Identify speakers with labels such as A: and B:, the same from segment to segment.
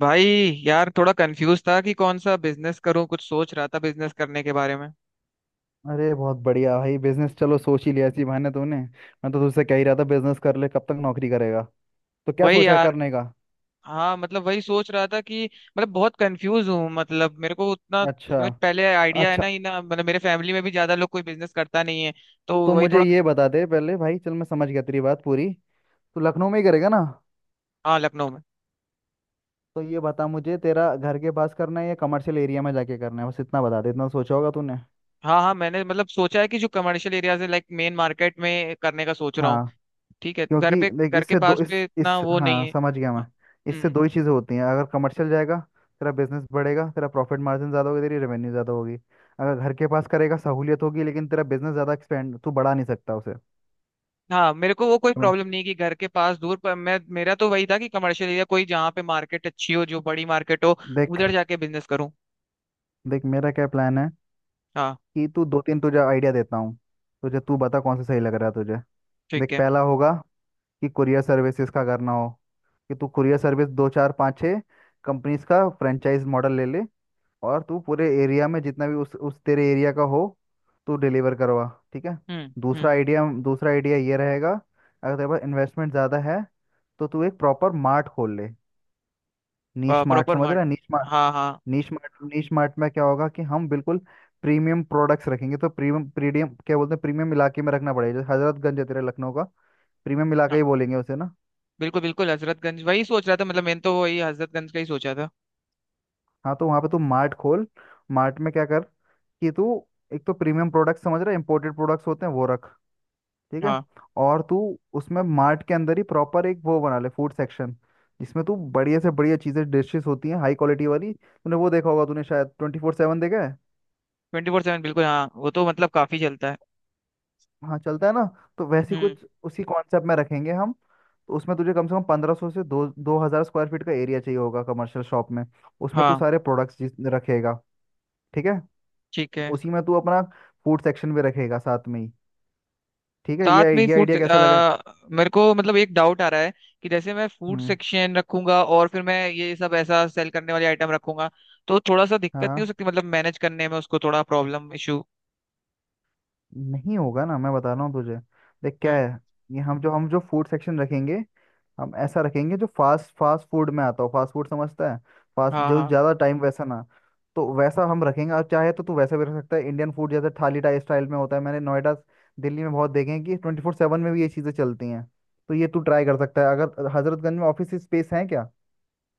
A: भाई, यार थोड़ा कंफ्यूज था कि कौन सा बिजनेस करूं। कुछ सोच रहा था बिजनेस करने के बारे में।
B: अरे, बहुत बढ़िया भाई, बिजनेस! चलो, सोच ही लिया इसी बहाने तूने। मैं तो तुझसे कह ही रहा था, बिजनेस कर ले, कब तक नौकरी करेगा। तो क्या
A: वही
B: सोचा है
A: यार।
B: करने का?
A: हाँ, मतलब वही सोच रहा था कि मतलब बहुत कंफ्यूज हूँ। मतलब मेरे को उतना
B: अच्छा।
A: मतलब पहले आइडिया है
B: अच्छा,
A: ना ही ना, मतलब मेरे फैमिली में भी ज्यादा लोग कोई बिजनेस करता नहीं है। तो
B: तो
A: वही
B: मुझे
A: थोड़ा।
B: ये बता दे पहले, भाई। चल, मैं समझ गया तेरी बात पूरी। तू लखनऊ में ही करेगा ना?
A: हाँ, लखनऊ में।
B: तो ये बता मुझे, तेरा घर के पास करना है या कमर्शियल एरिया में जाके करना है? बस इतना बता दे, इतना सोचा होगा तूने।
A: हाँ हाँ, मैंने मतलब सोचा है कि जो कमर्शियल एरियाज है लाइक मेन मार्केट में करने का सोच रहा हूँ।
B: हाँ,
A: ठीक है।
B: क्योंकि देख,
A: घर के
B: इससे दो
A: पास पे इतना
B: इस
A: वो नहीं
B: हाँ,
A: है।
B: समझ गया मैं।
A: हाँ,
B: इससे
A: हम्म।
B: दो ही चीज़ें होती हैं। अगर कमर्शियल जाएगा, तेरा बिजनेस बढ़ेगा, तेरा प्रॉफिट मार्जिन ज़्यादा होगी, तेरी रेवेन्यू ज़्यादा होगी। अगर घर के पास करेगा, सहूलियत होगी, लेकिन तेरा बिजनेस ज़्यादा एक्सपेंड तू बढ़ा नहीं सकता उसे।
A: हाँ, मेरे को वो कोई
B: समझ।
A: प्रॉब्लम नहीं कि घर के पास दूर पर। मैं मेरा तो वही था कि कमर्शियल एरिया कोई जहाँ पे मार्केट अच्छी हो, जो बड़ी मार्केट हो
B: देख।
A: उधर जाके बिजनेस करूँ।
B: देख मेरा क्या प्लान है
A: हाँ,
B: कि तू, दो तीन तुझे आइडिया देता हूँ, तुझे तू बता कौन सा सही लग रहा है तुझे।
A: ठीक
B: देख,
A: है।
B: पहला होगा कि कुरियर सर्विसेज का करना हो, कि तू कुरियर सर्विस दो चार पाँच छः कंपनीज का फ्रेंचाइज मॉडल ले ले, और तू पूरे एरिया में जितना भी उस तेरे एरिया का हो, तू डिलीवर करवा। ठीक है। दूसरा
A: हम्म।
B: आइडिया, दूसरा आइडिया ये रहेगा, अगर तेरे पास इन्वेस्टमेंट ज़्यादा है, तो तू एक प्रॉपर मार्ट खोल ले। नीश मार्ट,
A: प्रॉपर
B: समझ
A: मार्ट।
B: रहा है? नीश मार्ट
A: हाँ हाँ।
B: नीश मार्ट नीश मार्ट में क्या होगा कि हम बिल्कुल प्रीमियम प्रोडक्ट्स रखेंगे। तो प्रीमियम, प्रीमियम, क्या बोलते हैं, प्रीमियम इलाके में रखना पड़ेगा। जैसे हजरतगंज है तेरे लखनऊ का, प्रीमियम इलाका
A: हाँ
B: ही बोलेंगे उसे ना?
A: बिल्कुल बिल्कुल, हजरतगंज वही सोच रहा था। मतलब मैंने तो वही हजरतगंज का ही सोचा था।
B: हाँ, तो वहाँ पे तू मार्ट खोल। मार्ट में क्या कर कि तू एक तो प्रीमियम प्रोडक्ट, समझ रहा है, इंपोर्टेड प्रोडक्ट्स होते हैं वो रख। ठीक है।
A: हाँ,
B: और तू उसमें, मार्ट के अंदर ही, प्रॉपर एक वो बना ले, फूड सेक्शन। जिसमें तू बढ़िया से बढ़िया चीज़ें, डिशेस होती हैं हाई क्वालिटी वाली, तूने वो देखा होगा, तूने शायद 24/7 देखा है।
A: 24/7, बिल्कुल। हाँ, वो तो मतलब काफी चलता है।
B: हाँ, चलता है ना। तो वैसे ही
A: हम्म।
B: कुछ उसी कॉन्सेप्ट में रखेंगे हम। तो उसमें तुझे कम से कम 1500 से दो 2000 स्क्वायर फीट का एरिया चाहिए होगा कमर्शियल शॉप में। उसमें तू
A: हाँ,
B: सारे प्रोडक्ट्स रखेगा। ठीक है।
A: ठीक है।
B: उसी में तू अपना फूड सेक्शन भी रखेगा साथ में ही। ठीक है,
A: साथ
B: ये
A: में ही
B: ये
A: फूड?
B: आइडिया कैसा लगा?
A: मेरे को मतलब एक डाउट आ रहा है कि जैसे मैं फूड
B: हम्म।
A: सेक्शन रखूंगा और फिर मैं ये सब ऐसा सेल करने वाली आइटम रखूंगा, तो थोड़ा सा दिक्कत नहीं हो
B: हाँ,
A: सकती? मतलब मैनेज करने में उसको थोड़ा प्रॉब्लम, इशू।
B: नहीं होगा ना, मैं बता रहा हूँ तुझे। देख क्या
A: हम्म।
B: है, ये, हम जो फूड सेक्शन रखेंगे, हम ऐसा रखेंगे जो फास्ट फास्ट फूड में आता हो। फास्ट फूड, समझता है? फास्ट,
A: हाँ
B: जो
A: हाँ।
B: ज़्यादा टाइम वैसा ना। तो वैसा हम रखेंगे, और चाहे तो तू वैसा भी रख सकता है, इंडियन फूड, जैसे थाली टाइप स्टाइल में होता है। मैंने नोएडा, दिल्ली में बहुत देखे हैं कि 24/7 में भी ये चीज़ें चलती हैं। तो ये तू ट्राई कर सकता है। अगर हजरतगंज में ऑफिस स्पेस है क्या?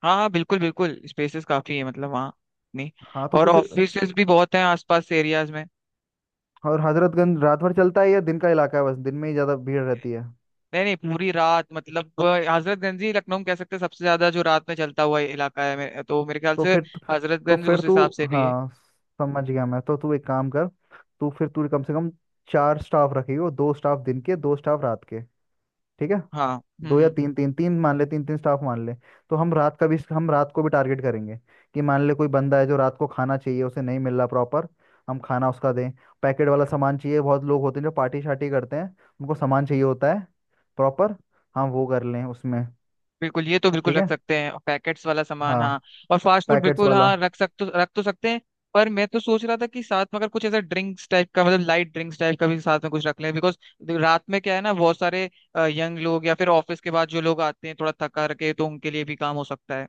A: हाँ हाँ, बिल्कुल बिल्कुल। स्पेसेस काफी है मतलब वहाँ। नहीं।
B: हाँ, तो
A: और
B: तू फिर।
A: ऑफिसेज भी बहुत हैं आसपास एरियाज में।
B: और हजरतगंज रात भर चलता है या दिन का इलाका है, बस दिन में ही ज़्यादा भीड़ रहती है?
A: नहीं नहीं, पूरी रात, मतलब हजरतगंज ही लखनऊ में कह सकते हैं सबसे ज्यादा जो रात में चलता हुआ इलाका है। तो मेरे ख्याल
B: तो
A: से
B: फिर तू- तो
A: हजरतगंज
B: फिर
A: उस
B: तू,
A: हिसाब से भी है।
B: हाँ, समझ गया मैं। तो तू एक काम कर, तू फिर तू कम से कम चार स्टाफ रखेगी, वो दो स्टाफ दिन के, दो स्टाफ रात के। ठीक है।
A: हाँ।
B: दो या
A: हम्म।
B: तीन, तीन तीन मान ले, तीन तीन स्टाफ मान ले। तो हम रात का भी, हम रात को भी टारगेट करेंगे कि मान ले कोई बंदा है जो रात को खाना चाहिए उसे नहीं मिल रहा प्रॉपर, हम खाना उसका दें। पैकेट वाला सामान चाहिए, बहुत लोग होते हैं जो पार्टी शार्टी करते हैं, उनको सामान चाहिए होता है प्रॉपर, हम वो कर लें उसमें।
A: बिल्कुल, ये तो बिल्कुल
B: ठीक
A: रख
B: है।
A: सकते हैं, पैकेट्स वाला सामान,
B: हाँ।
A: हाँ। और फास्ट फूड
B: पैकेट्स
A: बिल्कुल,
B: वाला।
A: हाँ, रख तो सकते हैं। पर मैं तो सोच रहा था कि साथ में अगर कुछ ऐसा ड्रिंक्स टाइप का, मतलब लाइट ड्रिंक्स टाइप का भी साथ में कुछ रख लें, बिकॉज रात में क्या है ना, बहुत सारे यंग लोग या फिर ऑफिस के बाद जो लोग आते हैं थोड़ा थका रखे, तो उनके लिए भी काम हो सकता है।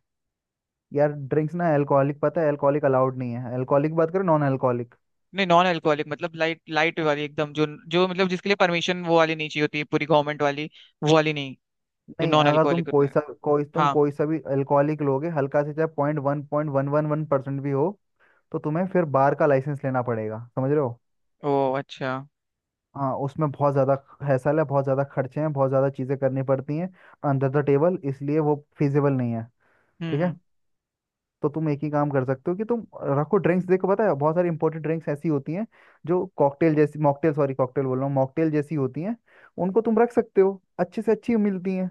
B: यार, ड्रिंक्स ना, अल्कोहलिक, पता है अल्कोहलिक अलाउड नहीं है। अल्कोहलिक बात करो, नॉन अल्कोहलिक।
A: नहीं, नॉन अल्कोहलिक मतलब लाइट लाइट वाली एकदम, जो जो मतलब जिसके लिए परमिशन वो वाली नहीं चाहिए होती है पूरी गवर्नमेंट वाली, वो वाली नहीं, जो
B: नहीं,
A: नॉन
B: अगर तुम,
A: अल्कोहलिक होता है। हाँ।
B: कोई सा भी अल्कोहलिक लोगे, हल्का से चाहे 0.1, पॉइंट वन वन वन % भी हो, तो तुम्हें फिर बार का लाइसेंस लेना पड़ेगा, समझ रहे हो?
A: ओ, अच्छा।
B: हाँ, उसमें बहुत ज़्यादा हैसल है, बहुत ज़्यादा खर्चे हैं, बहुत ज़्यादा चीज़ें करनी पड़ती हैं अंडर द टेबल, इसलिए वो फिजिबल नहीं है।
A: हम्म
B: ठीक है।
A: हम्म।
B: तो तुम एक ही काम कर सकते हो कि तुम रखो ड्रिंक्स। देखो, पता है बहुत सारी इंपोर्टेड ड्रिंक्स ऐसी होती हैं जो कॉकटेल जैसी, मॉकटेल, सॉरी कॉकटेल बोल रहा हूँ, मॉकटेल जैसी होती हैं। उनको तुम रख सकते हो, अच्छे से अच्छी मिलती हैं,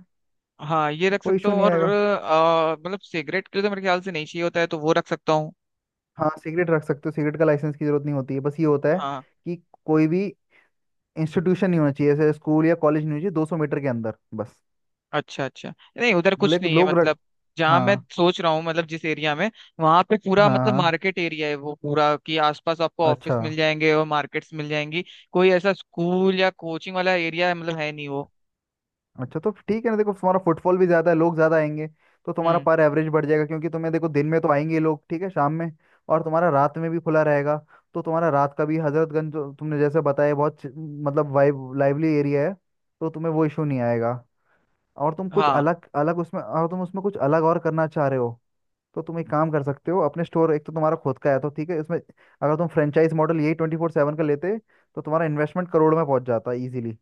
A: हाँ, ये रख
B: कोई
A: सकता
B: इशू
A: हूँ
B: नहीं
A: और
B: आएगा।
A: मतलब सिगरेट के लिए तो मेरे ख्याल से नहीं चाहिए होता है, तो वो रख सकता हूँ।
B: हाँ, सिगरेट रख सकते हो, सिगरेट का लाइसेंस की जरूरत नहीं होती है। बस ये होता है
A: हाँ।
B: कि कोई भी इंस्टीट्यूशन नहीं होना चाहिए, जैसे स्कूल या कॉलेज नहीं होना चाहिए 200 मीटर के अंदर, बस।
A: अच्छा अच्छा। नहीं, उधर कुछ
B: लेकिन
A: नहीं है,
B: लोग रख।
A: मतलब जहाँ मैं
B: हाँ,
A: सोच रहा हूँ, मतलब जिस एरिया में वहां पे पूरा मतलब
B: हाँ, हाँ,
A: मार्केट एरिया है वो पूरा, कि आसपास आपको
B: अच्छा।
A: ऑफिस मिल जाएंगे और मार्केट्स मिल जाएंगी। कोई ऐसा स्कूल या कोचिंग वाला एरिया मतलब है नहीं वो।
B: अच्छा, तो ठीक है ना। देखो, तुम्हारा फुटफॉल भी ज्यादा है, लोग ज्यादा आएंगे, तो तुम्हारा
A: हम्म।
B: पर एवरेज बढ़ जाएगा। क्योंकि तुम्हें देखो, दिन में तो आएंगे ही लोग, ठीक है, शाम में, और तुम्हारा रात में भी खुला रहेगा, तो तुम्हारा रात का भी। हजरतगंज जो तुमने जैसे बताया, बहुत मतलब वाइब, लाइवली एरिया है, तो तुम्हें वो इशू नहीं आएगा। और तुम कुछ
A: हाँ,
B: अलग अलग उसमें, और तुम उसमें कुछ अलग और करना चाह रहे हो, तो तुम एक काम कर सकते हो अपने स्टोर। एक तो तुम्हारा खुद का है तो ठीक है, इसमें अगर तुम फ्रेंचाइज मॉडल, यही 24/7 का लेते, तो तुम्हारा इन्वेस्टमेंट करोड़ में पहुंच जाता इजीली।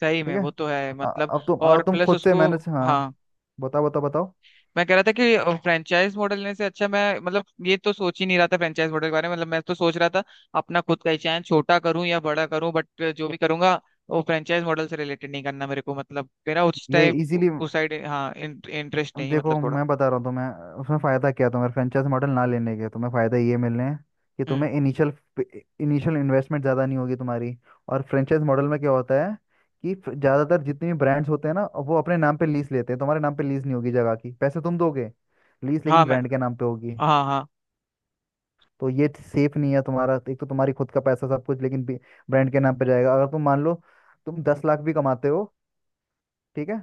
A: सही
B: ठीक
A: में
B: है।
A: वो तो है
B: अ-
A: मतलब।
B: अब तुम,
A: और प्लस
B: खुद से
A: उसको।
B: मैनेज, हाँ,
A: हाँ।
B: बताओ बताओ बताओ।
A: मैं कह रहा था कि फ्रेंचाइज मॉडल लेने से अच्छा, मैं मतलब ये तो सोच ही नहीं रहा था फ्रेंचाइज मॉडल के बारे में। मतलब मैं तो सोच रहा था अपना खुद का ही चैनल, छोटा करूं या बड़ा करूं, बट जो भी करूंगा वो फ्रेंचाइज मॉडल से रिलेटेड नहीं करना। मेरे को मतलब मेरा उस
B: ये
A: टाइप
B: इजीली,
A: उस साइड, हाँ, इंटरेस्ट नहीं है, मतलब
B: देखो,
A: थोड़ा।
B: मैं बता रहा हूँ तुम्हें उसमें फ़ायदा क्या है, तुम्हारे फ्रेंचाइज मॉडल ना लेने के तुम्हें फ़ायदा ये मिलने हैं कि तुम्हें
A: हम्म।
B: इनिशियल, इन्वेस्टमेंट ज़्यादा नहीं होगी तुम्हारी। और फ्रेंचाइज मॉडल में क्या होता है कि ज़्यादातर जितने भी ब्रांड्स होते हैं ना, वो अपने नाम पे लीज लेते हैं, तुम्हारे नाम पे लीज नहीं होगी जगह की। पैसे तुम दोगे, लीज
A: हाँ,
B: लेकिन
A: मैं।
B: ब्रांड के नाम पे होगी।
A: हाँ हाँ।
B: तो ये सेफ नहीं है तुम्हारा, एक तो तुम्हारी खुद का पैसा सब कुछ, लेकिन ब्रांड के नाम पे जाएगा। अगर तुम, मान लो, तुम 10 लाख भी कमाते हो, ठीक है,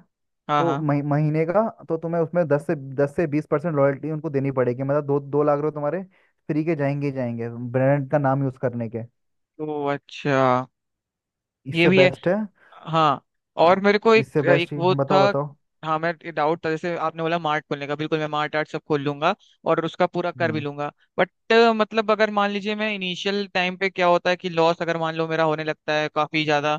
A: हाँ
B: तो
A: हाँ।
B: महीने का। तो तुम्हें उसमें 10 से 20% रॉयल्टी उनको देनी पड़ेगी, मतलब 2-2 लाख रुपए तुम्हारे फ्री के जाएंगे ही जाएंगे, ब्रांड का नाम यूज करने के।
A: तो अच्छा, ये
B: इससे
A: भी है
B: बेस्ट है।
A: हाँ।
B: आ,
A: और मेरे को
B: इससे
A: एक एक
B: बेस्ट ही,
A: वो
B: हाँ,
A: था।
B: बताओ बताओ।
A: हाँ, मैं डाउट था जैसे आपने बोला मार्ट खोलने का। बिल्कुल मैं मार्ट आर्ट सब खोल लूंगा और उसका पूरा कर भी
B: हम्म,
A: लूंगा। बट मतलब अगर मान लीजिए मैं इनिशियल टाइम पे, क्या होता है कि लॉस अगर मान लो मेरा होने लगता है काफी ज्यादा,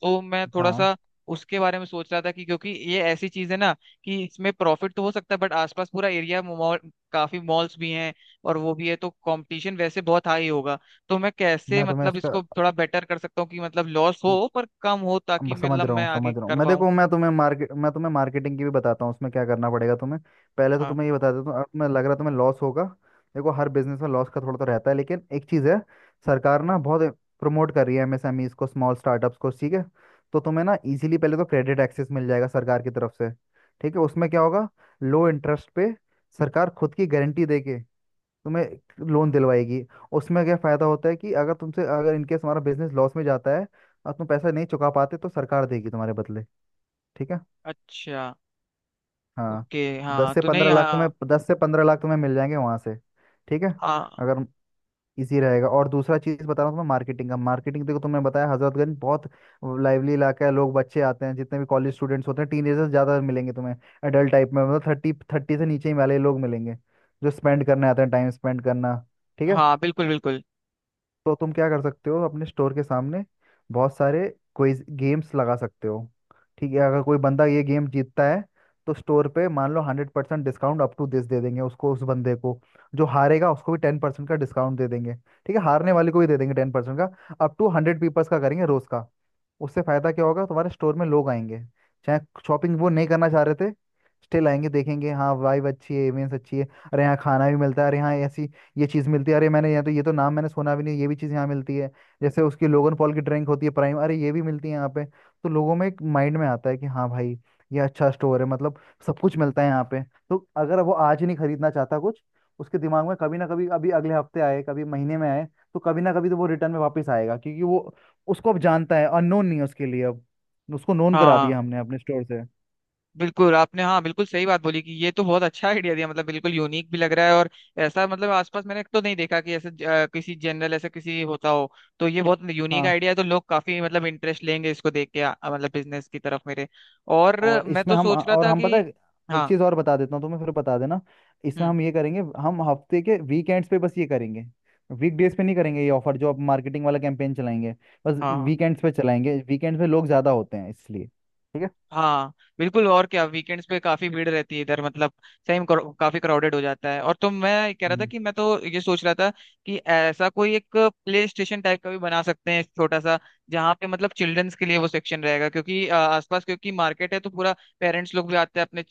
A: तो मैं थोड़ा
B: हाँ,
A: सा उसके बारे में सोच रहा था कि क्योंकि ये ऐसी चीज है ना, कि इसमें प्रॉफिट तो हो सकता है, बट आसपास पूरा एरिया मॉल, काफी मॉल्स भी हैं और वो भी है, तो कंपटीशन वैसे बहुत हाई होगा। तो मैं कैसे
B: मैं तुम्हें
A: मतलब
B: उसका,
A: इसको थोड़ा बेटर कर सकता हूँ कि मतलब लॉस हो पर कम हो, ताकि
B: अब समझ
A: मतलब
B: रहा
A: मैं
B: हूँ,
A: आगे
B: समझ रहा हूँ
A: कर
B: मैं।
A: पाऊँ।
B: देखो, मैं तुम्हें मार्केट, मैं तुम्हें मार्केटिंग की भी बताता हूँ, उसमें क्या करना पड़ेगा तुम्हें। पहले तो
A: हाँ,
B: तुम्हें ये बता देता हूँ, अब तुम्हें लग रहा है तुम्हें लॉस होगा। देखो, हर बिजनेस में लॉस का थोड़ा तो रहता है, लेकिन एक चीज़ है, सरकार ना बहुत प्रमोट कर रही है MSMEs को, स्मॉल स्टार्टअप्स को। ठीक है। तो तुम्हें ना इजीली पहले तो क्रेडिट एक्सेस मिल जाएगा सरकार की तरफ से। ठीक है, उसमें क्या होगा, लो इंटरेस्ट पे सरकार खुद की गारंटी देके तुम्हें लोन दिलवाएगी। उसमें क्या फ़ायदा होता है कि अगर तुमसे, अगर इनकेस हमारा बिजनेस लॉस में जाता है और तुम पैसा नहीं चुका पाते, तो सरकार देगी तुम्हारे बदले। ठीक है।
A: अच्छा।
B: हाँ,
A: ओके,
B: दस
A: हाँ,
B: से
A: तो नहीं,
B: पंद्रह लाख तुम्हें,
A: हाँ।
B: 10 से 15 लाख तुम्हें मिल जाएंगे वहां से। ठीक है।
A: हाँ
B: अगर इजी रहेगा। और दूसरा चीज बता रहा हूँ तुम्हें, मार्केटिंग का। मार्केटिंग, देखो, तुमने बताया हजरतगंज बहुत लाइवली इलाका है, लोग, बच्चे आते हैं, जितने भी कॉलेज स्टूडेंट्स होते हैं, टीनेजर्स ज्यादा मिलेंगे तुम्हें, एडल्ट टाइप में, मतलब 30, 30 से नीचे ही वाले लोग मिलेंगे, जो स्पेंड करने आते हैं, टाइम स्पेंड करना। ठीक है।
A: हाँ, बिल्कुल बिल्कुल।
B: तो तुम क्या कर सकते हो, अपने स्टोर के सामने बहुत सारे क्विज गेम्स लगा सकते हो। ठीक है, अगर कोई बंदा ये गेम जीतता है, तो स्टोर पे मान लो 100% डिस्काउंट अप टू दिस दे देंगे उसको, उस बंदे को। जो हारेगा उसको भी 10% का डिस्काउंट दे देंगे, ठीक है, हारने वाले को भी दे देंगे 10% का। अप टू 100 पीपल्स का करेंगे रोज का। उससे फायदा क्या होगा, तुम्हारे स्टोर में लोग आएंगे, चाहे शॉपिंग वो नहीं करना चाह रहे थे, स्टिल आएंगे, देखेंगे, हाँ वाइब अच्छी है, इमेज अच्छी है, अरे यहाँ खाना भी मिलता है, अरे यहाँ ऐसी ये चीज़ मिलती है, अरे मैंने यहाँ, तो ये तो नाम मैंने सुना भी नहीं, ये भी चीज़ यहाँ मिलती है। जैसे उसकी लोगन पॉल की ड्रिंक होती है प्राइम, अरे ये भी मिलती है यहाँ पे, तो लोगों में एक माइंड में आता है कि हाँ भाई, ये अच्छा स्टोर है, मतलब सब कुछ मिलता है यहाँ पे। तो अगर वो आज ही नहीं खरीदना चाहता कुछ, उसके दिमाग में कभी ना कभी, अभी अगले हफ्ते आए, कभी महीने में आए, तो कभी ना कभी तो वो रिटर्न में वापस आएगा, क्योंकि वो उसको अब जानता है, अननोन नहीं है उसके लिए अब, उसको नोन करा
A: हाँ,
B: दिया हमने अपने स्टोर से।
A: बिल्कुल आपने, हाँ बिल्कुल सही बात बोली, कि ये तो बहुत अच्छा आइडिया दिया, मतलब बिल्कुल यूनिक भी लग रहा है। और ऐसा मतलब आसपास मैंने तो नहीं देखा कि ऐसे किसी जनरल ऐसा किसी होता हो, तो ये बहुत यूनिक
B: हाँ।
A: आइडिया है। तो लोग काफी मतलब इंटरेस्ट लेंगे इसको देख के, मतलब बिजनेस की तरफ मेरे। और
B: और
A: मैं
B: इसमें
A: तो
B: हम,
A: सोच रहा
B: और
A: था
B: हम,
A: कि।
B: पता है एक
A: हाँ।
B: चीज़ और बता देता हूँ तुम्हें, फिर बता देना। इसमें
A: हम्म।
B: हम ये करेंगे, हम हफ्ते के वीकेंड्स पे बस ये करेंगे, वीकडेज पे नहीं करेंगे ये ऑफर, जो अब मार्केटिंग वाला कैंपेन चलाएंगे बस
A: हाँ हाँ।
B: वीकेंड्स पे चलाएंगे। वीकेंड्स पे लोग ज़्यादा होते हैं इसलिए। ठीक है।
A: हाँ बिल्कुल। और क्या, वीकेंड्स पे काफी भीड़ रहती है इधर, मतलब सही में काफी क्राउडेड हो जाता है। और तो मैं कह रहा था
B: हम्म।
A: कि मैं तो ये सोच रहा था कि ऐसा कोई एक प्ले स्टेशन टाइप का भी बना सकते हैं छोटा सा, जहाँ पे मतलब चिल्ड्रंस के लिए वो सेक्शन रहेगा, क्योंकि आसपास क्योंकि मार्केट है तो पूरा पेरेंट्स लोग भी आते हैं अपने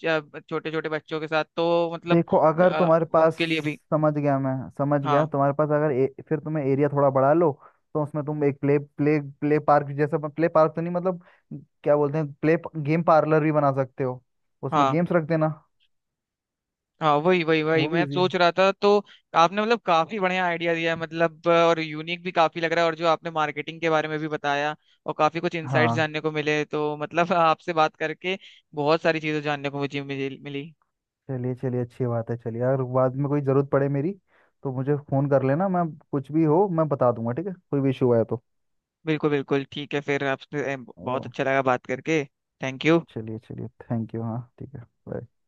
A: छोटे छोटे बच्चों के साथ, तो मतलब
B: देखो अगर तुम्हारे पास,
A: उनके लिए भी।
B: समझ गया मैं। समझ गया,
A: हाँ
B: तुम्हारे पास अगर, फिर तुम्हें एरिया थोड़ा बढ़ा लो, तो उसमें तुम एक प्ले, प्ले प्ले पार्क जैसा, प्ले पार्क तो नहीं, मतलब क्या बोलते हैं, प्ले गेम पार्लर भी बना सकते हो। उसमें
A: हाँ।
B: गेम्स रख देना,
A: हाँ, वही वही वही
B: वो भी
A: मैं
B: इजी है।
A: सोच रहा था तो। आपने मतलब काफी बढ़िया आइडिया दिया है, मतलब और यूनिक भी काफी लग रहा है, और जो आपने मार्केटिंग के बारे में भी बताया, और काफी कुछ इंसाइट्स
B: हाँ।
A: जानने को मिले, तो मतलब आपसे बात करके बहुत सारी चीजें जानने को मुझे मिली मिली।
B: चलिए, चलिए, अच्छी बात है। चलिए, अगर बाद में कोई ज़रूरत पड़े मेरी, तो मुझे फ़ोन कर लेना, मैं कुछ भी हो मैं बता दूंगा, ठीक है, कोई भी इशू आया तो।
A: बिल्कुल बिल्कुल, ठीक है। फिर आपसे
B: ओ,
A: बहुत अच्छा लगा बात करके। Thank you.
B: चलिए चलिए, थैंक यू, हाँ, ठीक है। Bye।